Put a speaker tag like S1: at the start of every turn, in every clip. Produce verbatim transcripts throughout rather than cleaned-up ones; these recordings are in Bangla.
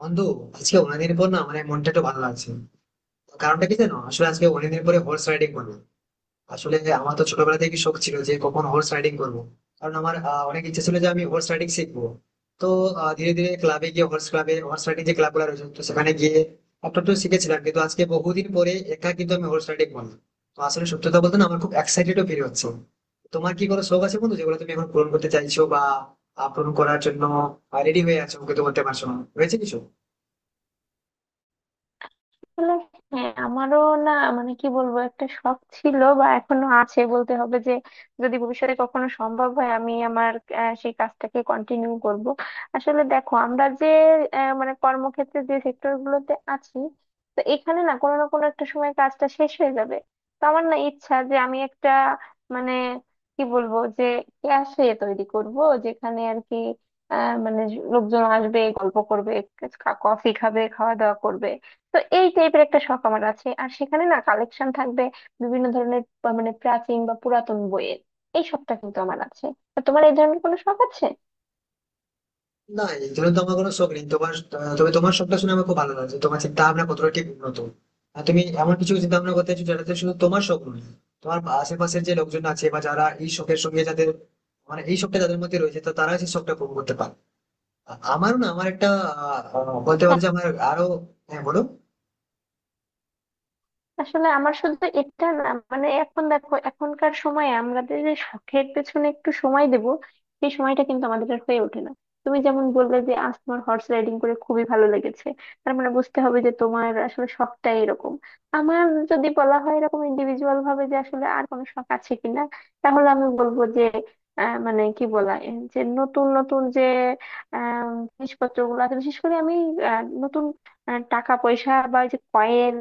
S1: বন্ধু, আজকে অনেকদিন পর, না মানে মনটা একটু ভালো লাগছে। তো কারণটা কি জানো, আসলে আজকে অনেকদিন পরে হর্স রাইডিং করবো। আসলে আমার তো ছোটবেলা থেকে শখ ছিল যে কখন হর্স রাইডিং করবো। কারণ আমার আহ, অনেক ইচ্ছে ছিল যে আমি হর্স রাইডিং শিখবো। তো আহ, ধীরে ধীরে ক্লাবে গিয়ে, হর্স ক্লাবে হর্স রাইডিং যে ক্লাবগুলো রয়েছে, তো সেখানে গিয়ে একটু একটু শিখেছিলাম। কিন্তু আজকে বহুদিন পরে একা কিন্তু আমি হর্স রাইডিং করলাম। তো আসলে সত্যি কথা বলতে না, আমার খুব এক্সাইটেডও ফিল হচ্ছে। তোমার কি কোনো শখ আছে বন্ধু, যেগুলো তুমি এখন পূরণ করতে চাইছো, বা আহ, পূরণ করার জন্য রেডি হয়ে আছো কিন্তু করতে পারছো না, রয়েছে কিছু?
S2: আসলে হ্যাঁ আমারও না মানে কি বলবো একটা শখ ছিল বা এখনো আছে বলতে হবে যে যদি ভবিষ্যতে কখনো সম্ভব হয় আমি আমার আহ, সেই কাজটাকে কন্টিনিউ করব। আসলে দেখো আমরা যে আহ, মানে কর্মক্ষেত্রে যে সেক্টর গুলোতে আছি, তো এখানে না কোনো না কোনো একটা সময় কাজটা শেষ হয়ে যাবে। তো আমার না ইচ্ছা যে আমি একটা মানে কি বলবো যে ক্যাফে তৈরি করব, যেখানে আর কি আহ, মানে লোকজন আসবে, গল্প করবে, কফি খাবে, খাওয়া দাওয়া করবে। তো এই টাইপের একটা শখ আমার আছে, আর সেখানে না কালেকশন থাকবে বিভিন্ন ধরনের আহ, মানে প্রাচীন বা পুরাতন বইয়ের। এই শখটা কিন্তু আমার আছে। তা তোমার এই ধরনের কোনো শখ আছে?
S1: না, এগুলো তো আমার কোনো শখ নেই তোমার। আহ, তবে তোমার শখটা শুনে আমার খুব ভালো লাগছে, তোমার চিন্তা ভাবনা কতটা ঠিক উন্নত। আর তুমি এমন কিছু চিন্তা ভাবনা করতে চাইছো যেটাতে শুধু তোমার শখ নয়, তোমার আশেপাশের যে লোকজন আছে বা যারা এই শখের সঙ্গে যাদের, মানে এই শখটা যাদের মধ্যে রয়েছে, তো তারা সেই শখটা পূরণ করতে পারে। আ- আমারও না আমার একটা আহ, আহ, বলতে পারো যে আমার আরো। হ্যাঁ বলো।
S2: আসলে আমার শুধু এটা না, মানে এখন দেখো এখনকার সময়ে আমাদের যে শখের পেছনে একটু সময় দেব, সেই সময়টা কিন্তু আমাদের আর হয়ে ওঠে না। তুমি যেমন বললে যে আজ তোমার হর্স রাইডিং করে খুবই ভালো লেগেছে, তার মানে বুঝতে হবে যে তোমার আসলে শখটা এরকম। আমার যদি বলা হয় এরকম ইন্ডিভিজুয়াল ভাবে যে আসলে আর কোনো শখ আছে কিনা, তাহলে আমি বলবো যে আহ, মানে কি বলা এর যে নতুন নতুন যে জিনিসপত্র গুলো আছে, বিশেষ করে আমি আহ, নতুন আহ, টাকা পয়সা বা এই যে কয়েন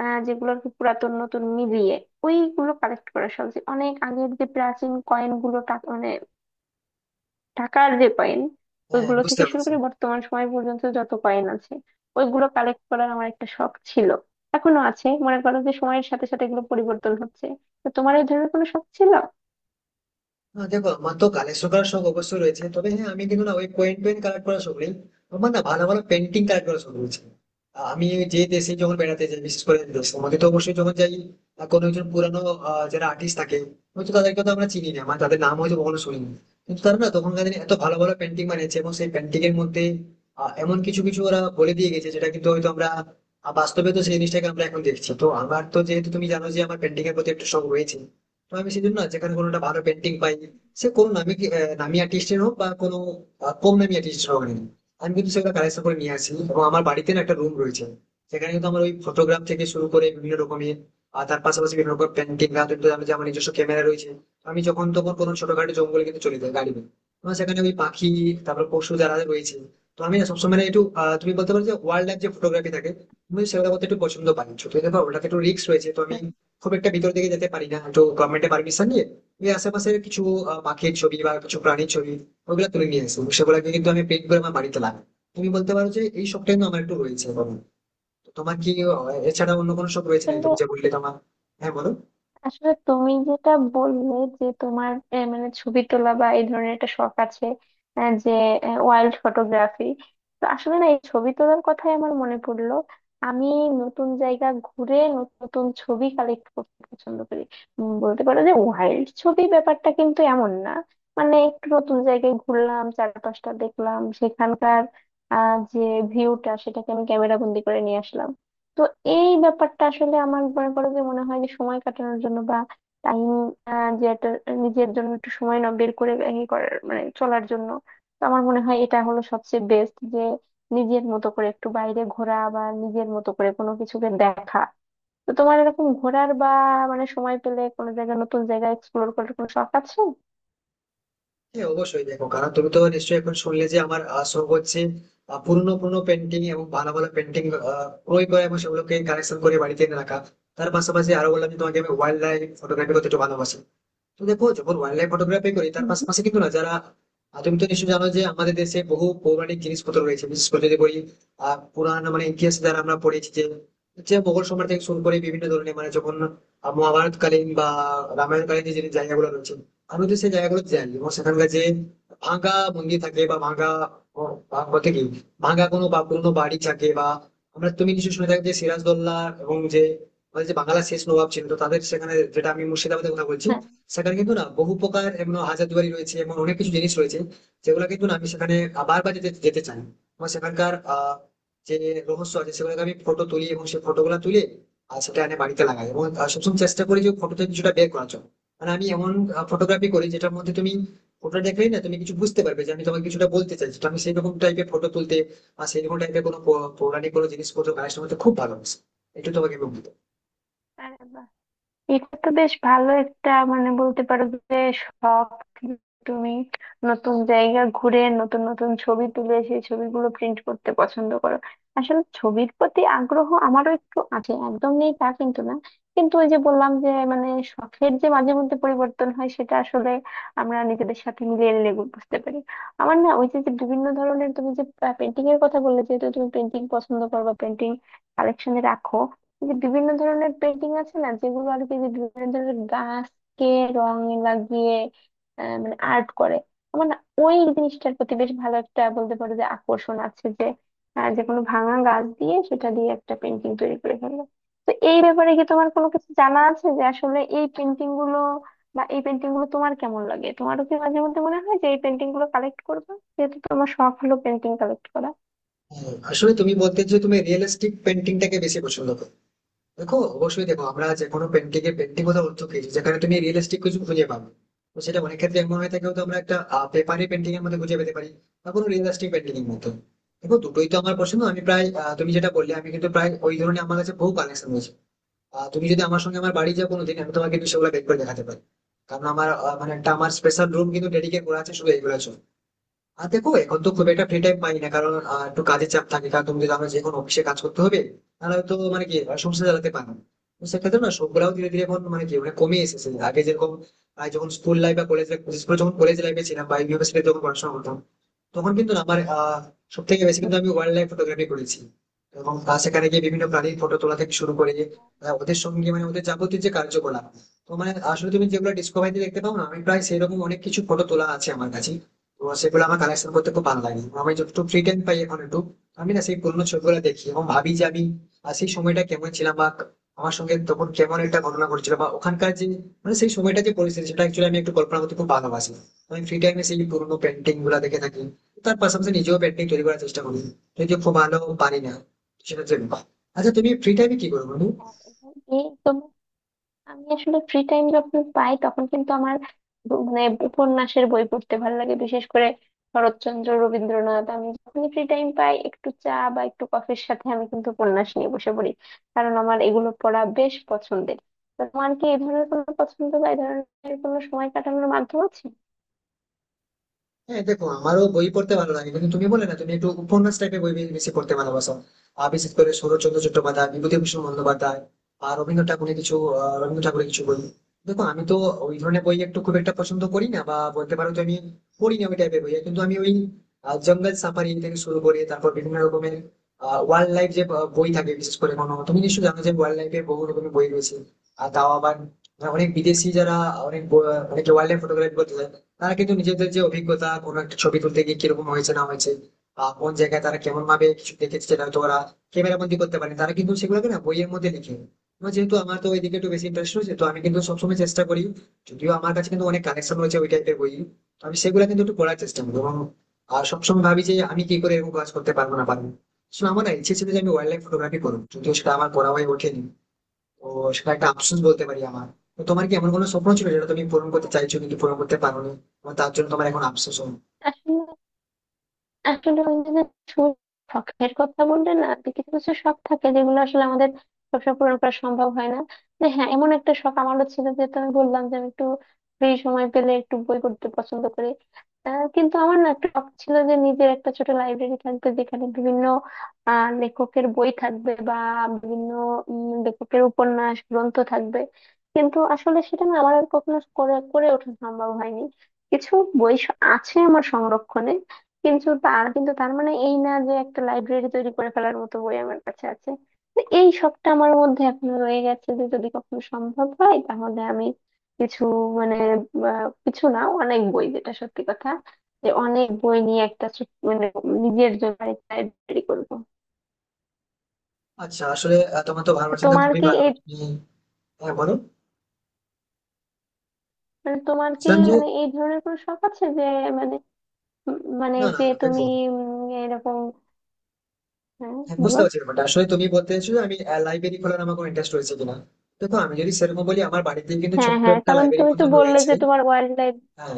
S2: আহ যেগুলো আর কি পুরাতন নতুন মিলিয়ে ওইগুলো কালেক্ট করা, সহজ অনেক আগের যে প্রাচীন কয়েন গুলো টা- মানে টাকার যে কয়েন,
S1: হ্যাঁ
S2: ওইগুলো
S1: বুঝতে
S2: থেকে শুরু
S1: পারছি।
S2: করে বর্তমান সময় পর্যন্ত যত কয়েন আছে ওইগুলো কালেক্ট করার আমার একটা শখ ছিল, এখনো আছে। মনে করো যে সময়ের সাথে সাথে এগুলো পরিবর্তন হচ্ছে। তো তোমার এই ধরনের কোনো শখ ছিল?
S1: আহ, দেখো আমার তো কালেকশন করার শখ অবশ্যই রয়েছে, তবে হ্যাঁ আমি কিন্তু না ওই কয়েন টয়েন কালেক্ট করার শখ নেই। আমার না ভালো ভালো পেন্টিং কালেক্ট করার শখ রয়েছে। আহ, আমি যে দেশে যখন বেড়াতে যাই, বিশেষ করে দেশ আমাকে তো অবশ্যই যখন যাই, আহ, কোনো একজন পুরানো আহ, যারা আর্টিস্ট থাকে, হয়তো তাদেরকে তো আমরা চিনি না, মানে তাদের নাম হয়তো কখনো শুনিনি, কিন্তু তারা না তখনকার দিনে এত ভালো ভালো পেন্টিং বানিয়েছে এবং সেই পেন্টিং এর মধ্যে আহ, এমন কিছু কিছু ওরা বলে দিয়ে গেছে যেটা কিন্তু হয়তো আমরা আহ, বাস্তবে তো সেই জিনিসটাকে আমরা এখন দেখছি। তো আমার তো, যেহেতু তুমি জানো যে আমার পেন্টিং এর প্রতি একটা শখ রয়েছে, তো আমি সেজন্য না যেখানে কোনোটা ভালো পেন্টিং পাই, সে কোনো নামি কি- আহ, নামি আর্টিস্টের হোক বা কোনো আহ, কম নামি আর্টিস্টের হোক না কেন, আমি কিন্তু সেগুলো কালেকশন করে নিয়ে আসি এবং আমার
S2: হুম।
S1: বাড়িতে না একটা রুম রয়েছে। সেখানে কিন্তু আমার ওই ফটোগ্রাফ থেকে শুরু করে বিভিন্ন রকমের, আর তার পাশাপাশি বিভিন্ন রকম পেন্টিং না, কিন্তু আমি যে, আমার নিজস্ব ক্যামেরা রয়েছে। আমি যখন তখন কোনো ছোটখাটো জঙ্গলে কিন্তু চলে যাই গাড়ি নিয়ে। আমার সেখানে ওই পাখি, তারপর পশু যারা রয়েছে, তো আমি না সবসময় না একটু, আহ, তুমি বলতে পারো যে ওয়াইল্ড লাইফ যে ফটোগ্রাফি থাকে, আমি সেগুলো করতে একটু পছন্দ পাই ছোট থেকে। ওটাতে একটু রিস্ক রয়েছে, তো আমি
S2: হুম।
S1: খুব একটা ভিতর দিকে যেতে পারি না, তো গভর্নমেন্টের পারমিশন নিয়ে আমি আশেপাশে কিছু আহ, পাখির ছবি বা কিছু প্রাণীর ছবি, ওগুলো তুলে নিয়ে আসি। সেগুলোকে কিন্তু আমি পেন্ট করে আমার বাড়িতে লাগাই। তুমি বলতে পারো যে এই শখটা কিন্তু আমার একটু রয়েছে। এবং তোমার কি আহ, এছাড়া অন্য কোনো শখ রয়েছে নাকি,
S2: আসলে
S1: তুমি যে বললে তোমার? হ্যাঁ বলো।
S2: আসলে তুমি যেটা বললে যে তোমার আহ, মানে ছবি তোলা বা এই ধরনের একটা শখ আছে, আহ, যে ওয়াইল্ড ফটোগ্রাফি। তো আসলে না এই ছবি তোলার কথাই আমার মনে পড়লো। আমি নতুন জায়গা ঘুরে নতুন নতুন ছবি কালেক্ট করতে পছন্দ করি। উম, বলতে পারো যে ওয়াইল্ড ছবি ব্যাপারটা কিন্তু এমন না, মানে একটু নতুন জায়গায় ঘুরলাম, চারপাশটা দেখলাম, সেখানকার আহ যে ভিউটা সেটাকে আমি ক্যামেরা বন্দি করে নিয়ে আসলাম। তো এই ব্যাপারটা আসলে আমার মনে করো যে মনে হয় যে সময় কাটানোর জন্য বা টাইম যে একটা নিজের জন্য একটু সময় না বের করে ই করার মানে চলার জন্য, তো আমার মনে হয় এটা হলো সবচেয়ে বেস্ট যে নিজের মতো করে একটু বাইরে ঘোরা বা নিজের মতো করে কোনো কিছুকে দেখা। তো তোমার এরকম ঘোরার বা মানে সময় পেলে কোনো জায়গায় নতুন জায়গা এক্সপ্লোর করার কোনো শখ আছে?
S1: হ্যাঁ অবশ্যই, দেখো কারণ তুমি তো নিশ্চয়ই এখন শুনলে যে আমার আহ, শখ হচ্ছে আহ, পুরনো পুরনো পেন্টিং এবং ভালো ভালো পেন্টিং ক্রয় করা এবং সেগুলোকে কালেকশন করে বাড়িতে এনে রাখা। তার পাশাপাশি আরো বললাম যে তোমাকে, আমি ওয়াইল্ড লাইফ ফটোগ্রাফি করতে একটু ভালোবাসি। তো দেখো যখন ওয়াইল্ড লাইফ ফটোগ্রাফি করি তার
S2: হুম।
S1: পাশাপাশি কিন্তু না যারা, আহ, তুমি তো নিশ্চয়ই জানো যে আমাদের দেশে বহু পৌরাণিক জিনিসপত্র রয়েছে। বিশেষ করে যদি বলি আহ পুরাণ মানে ইতিহাস যারা আমরা পড়েছি, যে যে মোগল সম্রাট থেকে শুরু করে বিভিন্ন ধরনের, মানে যখন আহ, মহাভারতকালীন বা রামায়ণকালীন যে যে জায়গাগুলো রয়েছে, আমি তো সেই জায়গাগুলো জানি এবং সেখানকার যে ভাঙা মন্দির থাকে বা ভাঙা, ও, ভা- বলতে কি, ভাঙা কোনো বা পুরোনো বাড়ি থাকে বা, আমরা, তুমি নিশ্চয়ই শুনে থাকবে যে সিরাজদৌল্লা এবং যে আমাদের যে বাংলার শেষ নবাব ছিল, তো তাদের সেখানে, যেটা আমি মুর্শিদাবাদের কথা বলছি,
S2: হ্যাঁ।
S1: সেখানে কিন্তু না বহু প্রকার এমন হাজারদুয়ারি রয়েছে, এমন অনেক কিছু জিনিস রয়েছে যেগুলো কিন্তু না আমি সেখানে বারবার যেতে যেতে চাই। আমার সেখানকার আহ যে রহস্য আছে সেগুলোকে আমি ফটো তুলি এবং সেই ফটোগুলো তুলে আর সেটা এনে বাড়িতে লাগাই এবং আহ, সবসময় চেষ্টা করি যে ফটোতে কিছুটা বের করার জন্য। মানে আমি এমন ফটোগ্রাফি করি যেটার মধ্যে তুমি ফটো দেখলেই না তুমি কিছু বুঝতে পারবে যে আমি তোমাকে কিছুটা বলতে চাইছি। তো আমি সেই রকম টাইপের ফটো তুলতে বা সেই রকম টাইপের কোনো পৌ- পৌরাণিক কোনো জিনিসপত্র কালেকশন করতে খুব ভালোবাসি। একটু তোমাকে বলতে।
S2: আরে বাহ, এটা তো বেশ ভালো একটা মানে বলতে পারো যে শখ। তুমি নতুন জায়গা ঘুরে নতুন নতুন ছবি তুলে সেই ছবিগুলো প্রিন্ট করতে পছন্দ করো। আসলে ছবির প্রতি আগ্রহ আমারও একটু আছে, একদম নেই তা কিন্তু না। কিন্তু ওই যে বললাম যে মানে শখের যে মাঝে মধ্যে পরিবর্তন হয় সেটা আসলে আমরা নিজেদের সাথে মিলিয়ে নিলে গু- বুঝতে পারি। আমার না ওই যে যে বিভিন্ন ধরনের তুমি যে পেন্টিং এর কথা বললে, যেহেতু তুমি পেন্টিং পছন্দ করো বা পেন্টিং কালেকশনে রাখো, এই যে বিভিন্ন ধরনের পেন্টিং আছে না, যেগুলো আর কি যে বিভিন্ন ধরনের গাছকে রং লাগিয়ে আহ, মানে আর্ট করে, আমার না ওই জিনিসটার প্রতি বেশ ভালো একটা বলতে পারো যে আকর্ষণ আছে যে আহ, যে কোনো ভাঙা গাছ দিয়ে সেটা দিয়ে একটা পেন্টিং তৈরি করে ফেললো। তো এই ব্যাপারে কি তোমার কোনো কিছু জানা আছে যে আসলে এই পেন্টিং গুলো বা এই পেন্টিং গুলো তোমার কেমন লাগে? তোমারও কি মাঝে মধ্যে মনে হয় যে এই পেন্টিং গুলো কালেক্ট করবে, যেহেতু তোমার শখ হলো পেন্টিং কালেক্ট করা?
S1: আসলে তুমি বলতে যে তুমি রিয়েলিস্টিক পেন্টিংটাকে বেশি পছন্দ করো। দেখো অবশ্যই, দেখো আমরা যে কোনো পেন্টিং এর পেন্টিং কোথাও অর্থ পেয়েছি যেখানে তুমি রিয়েলিস্টিক কিছু খুঁজে পাবে, তো সেটা অনেক ক্ষেত্রে এমন হয়ে থাকে, হয়তো আমরা একটা পেপারি পেন্টিং এর মধ্যে খুঁজে পেতে পারি বা কোনো রিয়েলিস্টিক পেন্টিং এর মধ্যে। দেখো দুটোই তো আমার পছন্দ। আমি প্রায় আহ, তুমি যেটা বললে, আমি কিন্তু প্রায় ওই ধরনের আমার কাছে বহু কালেকশন রয়েছে। আহ, তুমি যদি আমার সঙ্গে আমার বাড়ি যাও কোনোদিন, আমি তোমাকে কিন্তু সেগুলো বের করে দেখাতে পারি। কারণ আমার আহ, মানে একটা আমার স্পেশাল রুম কিন্তু ডেডিকেট করা আছে শুধু এইগুলোর জন্য। আর দেখো এখন তো খুব একটা ফ্রি টাইম পাই না, কারণ আহ, একটু কাজের চাপ থাকে। কারণ তুমি যদি আমার যে কোনো অফিসে কাজ করতে হবে, তাহলে তো মানে কি আহ, সংসার চালাতে পারো না। তো সেক্ষেত্রে না সবগুলাও ধীরে ধীরে এখন মানে কি, মানে কমে এসেছে। আগে যেরকম আহ, যখন স্কুল লাইফ বা কলেজ লাইফ, যখন কলেজ লাইফে ছিলাম বা ইউনিভার্সিটি যখন পড়াশোনা করতাম, তখন কিন্তু না আমার আহ সব থেকে বেশি
S2: উম।
S1: কিন্তু আমি ওয়াইল্ড লাইফ ফটোগ্রাফি করেছি। এবং আহ, সেখানে গিয়ে বিভিন্ন প্রাণীর ফটো তোলা থেকে শুরু করে আহ, ওদের সঙ্গে, মানে ওদের যাবতীয় যে কার্যকলাপ, তো মানে আসলে তুমি যেগুলো ডিসকভারিতে দেখতে পাও না, আমি প্রায় সেরকম অনেক কিছু ফটো তোলা আছে আমার কাছে। তো সেগুলো আমার কালেকশন করতে খুব ভালো লাগে। আমি যতটুকু ফ্রি টাইম পাই এখন একটু, আমি না সেই পুরোনো ছবিগুলো দেখি এবং ভাবি যে আমি আহ, সেই সময়টা কেমন ছিলাম বা আমার সঙ্গে তখন কেমন একটা ঘটনা ঘটছিল বা ওখানকার যে, মানে সেই সময়টা যে পরিস্থিতি সেটা অ্যাকচুয়ালি আমি একটু কল্পনা করতে খুব ভালোবাসি। আমি ফ্রি টাইমে সেই পুরোনো পেন্টিং গুলা দেখে থাকি। তার পাশাপাশি নিজেও পেন্টিং তৈরি করার চেষ্টা করি, যদিও খুব ভালো পারি না সেটা জন্য। আচ্ছা তুমি ফ্রি টাইমে কি করো বন্ধু?
S2: হ্যাঁ, এবং এই তোমার আমি আসলে ফ্রি টাইম যখন পাই তখন কিন্তু আমার ব- মানে উপন্যাসের বই পড়তে ভালো লাগে, বিশেষ করে শরৎচন্দ্র, রবীন্দ্রনাথ। আমি যখনই ফ্রি টাইম পাই একটু চা বা একটু কফির সাথে আমি কিন্তু উপন্যাস নিয়ে বসে পড়ি, কারণ আমার এগুলো পড়া বেশ পছন্দের। তো তোমার কি এই ধরনের কোনো পছন্দ বা এই ধরনের কোনো সময় কাটানোর মাধ্যম আছে?
S1: হ্যাঁ দেখো, আমারও বই পড়তে ভালো লাগে। কিন্তু তুমি বলে না তুমি একটু উপন্যাস টাইপের বই বে- বেশি পড়তে ভালোবাসো, আর বিশেষ করে শরৎচন্দ্র চট্টোপাধ্যায়, বিভূতিভূষণ বন্দ্যোপাধ্যায় আর রবীন্দ্র ঠাকুরের কিছু আহ, রবীন্দ্র ঠাকুরের কিছু বই। দেখো আমি তো ওই ধরনের বই একটু খুব একটা
S2: হুম।
S1: পছন্দ করি না, বা বলতে পারো তো আমি পড়ি না ওই টাইপের বই। কিন্তু আমি ওই আহ, জঙ্গল সাফারি থেকে শুরু করে তারপর বিভিন্ন রকমের ওয়াইল্ড লাইফ যে আহ, বই থাকে, বিশেষ করে কোনো, তুমি নিশ্চয়ই জানো যে ওয়াইল্ড লাইফে বহু রকমের বই রয়েছে। আর তাও আবার অনেক বিদেশি যারা, অনেক ব- অনেকে ওয়াইল্ড লাইফ ফটোগ্রাফি করতে চায়, তারা কিন্তু নিজেদের যে অভিজ্ঞতা কোনো একটা ছবি তুলতে গিয়ে কিরকম হয়েছে না হয়েছে বা কোন জায়গায় তারা কেমন ভাবে কিছু দেখেছে, সেটা হয়তো ওরা ক্যামেরা বন্দি করতে পারেনি, তারা কিন্তু সেগুলোকে না বইয়ের মধ্যে লিখে। এবার যেহেতু আমার তো ওইদিকে একটু বেশি ইন্টারেস্ট রয়েছে, তো আমি কিন্তু সবসময় চেষ্টা করি। যদিও আমার কাছে কিন্তু অনেক কালেকশন রয়েছে ওই টাইপের বই, তো আমি সেগুলো কিন্তু একটু পড়ার চেষ্টা করি এবং আর সবসময় ভাবি যে আমি কি করে এরকম কাজ করতে পারবো না পারবো। So আমার না ইচ্ছে ছিল যে আমি ওয়াইল্ড লাইফ ফটোগ্রাফি
S2: হুম।
S1: করবো, যদিও সেটা আমার করা হয়ে ওঠেনি। তো সেটা একটা আফসোস বলতে পারি আমার। তো তোমার কি এমন কোনো স্বপ্ন ছিল যেটা তুমি পূরণ করতে চাইছো কিন্তু পূরণ করতে পারোনি, এবং তার জন্য তোমার এখন আফসোস হয়?
S2: হ্যাঁ। আসলে ওই যে যে শখ, শখের কথা বললে না, যে কিছু কিছু শখ থাকে যেগুলো আসলে আমাদের সবসময় পূরণ করা সম্ভব হয় না। যে হ্যাঁ এমন একটা শখ আমারও ছিল, যে আমি বললাম যে আমি একটু ফ্রি সময় পেলে একটু বই পড়তে পছন্দ করি। আহ, কিন্তু আমার না একটা শখ ছিল যে নিজের একটা ছোট লাইব্রেরি থাকবে, যেখানে বিভিন্ন আহ লেখকের বই থাকবে বা বিভিন্ন উম, লেখকের উপন্যাস গ্রন্থ থাকবে। কিন্তু আসলে সেটা না আমার আর কখনো করে করে ওঠা সম্ভব হয়নি। কিছু বই স- আছে আমার সংরক্ষণে, কিন্তু তার কিন্তু তার মানে এই না যে একটা লাইব্রেরি তৈরি করে ফেলার মতো বই আমার কাছে আছে। তো এই শখটা আমার মধ্যে এখনো রয়ে গেছে, যে যদি কখনো সম্ভব হয় তাহলে আমি কিছু মানে আহ, কিছু না, অনেক বই, যেটা সত্যি কথা, যে অনেক বই নিয়ে একটা ছোট- মানে নিজের জন্য লাইব্রেরি করবো।
S1: আচ্ছা আসলে আহ, তোমার তো
S2: তা
S1: ভালোবাসাটা
S2: তোমার
S1: খুবই
S2: কি
S1: ভালো,
S2: এই
S1: তুমি। হ্যাঁ বলো।
S2: মানে তোমার কি
S1: বলছিলাম যে,
S2: মানে এই ধরনের কোনো শখ আছে যে মানে উম, মানে
S1: না না
S2: যে
S1: না,
S2: তুমি
S1: দেখো।
S2: উম, এরকম? হ্যাঁ,
S1: হ্যাঁ, বুঝতে
S2: বলো।
S1: পারছি ব্যাপারটা, আসলে তুমি বলতে চাইছো যে আমি লাইব্রেরি খোলার আমার কোনো ইন্টারেস্ট রয়েছে কিনা। দেখো আমি যদি সেরকম বলি, আমার বাড়িতে কিন্তু
S2: হ্যাঁ,
S1: ছোট্ট
S2: হ্যাঁ,
S1: একটা
S2: কারণ
S1: লাইব্রেরি
S2: তুমি তো
S1: মতন
S2: বললে
S1: রয়েছে।
S2: যে তোমার ওয়াইল্ড
S1: হ্যাঁ,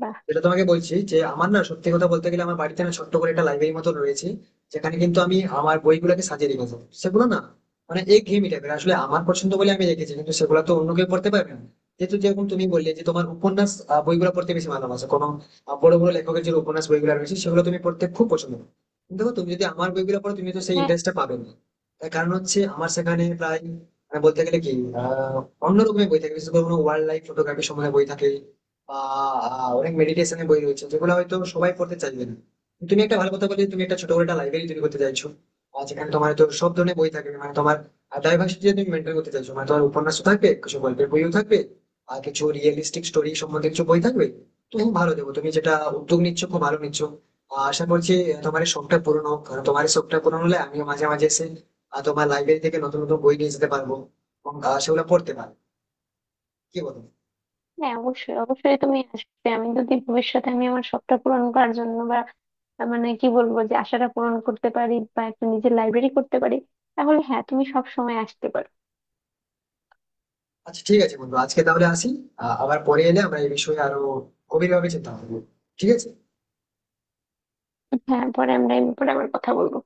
S2: লাইফ।
S1: যেটা তোমাকে বলছি যে আমার না, সত্যি কথা বলতে গেলে আমার বাড়িতে না ছোট্ট করে একটা লাইব্রেরি মতো রয়েছে, যেখানে কিন্তু আমি আমার বইগুলোকে সাজিয়ে রেখেছি। সেগুলো না মানে একঘেয়েমি টাইপের, আসলে আমার পছন্দ বলে আমি রেখেছি, কিন্তু সেগুলো তো অন্য কেউ পড়তে পারবে না। যেহেতু যেরকম তুমি বললে যে তোমার উপন্যাস আহ, বইগুলো পড়তে বেশি ভালোবাসো, কোনো আহ, বড় বড় লেখকের যে উপন্যাস বইগুলো রয়েছে সেগুলো তুমি পড়তে খুব পছন্দ করো। কিন্তু দেখো তুমি যদি আমার বইগুলো পড়ো তুমি তো সেই ইন্টারেস্টটা পাবে না। তার কারণ হচ্ছে আমার সেখানে প্রায় আহ, বলতে গেলে কি আহ অন্যরকমের বই থাকে, বিশেষ করে কোনো ওয়াইল্ড লাইফ ফটোগ্রাফি সম্বন্ধে বই থাকে। আহ আহ, অনেক মেডিটেশনের বই রয়েছে, যেগুলো হয়তো সবাই পড়তে চাইবে না। তুমি একটা ভালো কথা বলে, তুমি একটা ছোট করে একটা লাইব্রেরি তৈরি করতে চাইছো, আর যেখানে তোমার তো সব ধরনের বই থাকবে। মানে তোমার ডাইভার্সিটি তুমি মেনটেন করতে চাইছো, মানে তোমার উপন্যাস থাকবে, কিছু গল্পের বইও থাকবে, আর কিছু রিয়েলিস্টিক স্টোরি সম্বন্ধে কিছু বই থাকবে। তুমি ভালো দেবো, তুমি যেটা উদ্যোগ নিচ্ছ খুব ভালো নিচ্ছ। আহ, আশা করছি আহ, তোমার এই শখটা পূরণ হোক, কারণ তোমার এই শখটা পূরণ হলে আমিও মাঝে মাঝে এসে আহ, তোমার লাইব্রেরি থেকে নতুন নতুন বই নিয়ে যেতে পারবো এবং আহ, সেগুলো পড়তে পারবো। কি বলো?
S2: হ্যাঁ, অবশ্যই অবশ্যই তুমি আসবে। আমি যদি ভবিষ্যতে আমি আমার শখটা পূরণ করার জন্য বা আহ, মানে কি বলবো যে আশাটা পূরণ করতে পারি বা একটা নিজের লাইব্রেরি করতে পারি, তাহলে হ্যাঁ তুমি সব সময় আসতে পারো।
S1: আচ্ছা ঠিক আছে বন্ধু, আজকে তাহলে আসি। আহ, আবার পরে এলে আমরা এই বিষয়ে আরো গভীরভাবে চিন্তা করবো। ঠিক আছে?
S2: হ্যাঁ, পরে আমরা এই ব্যাপারে আবার কথা বলবো।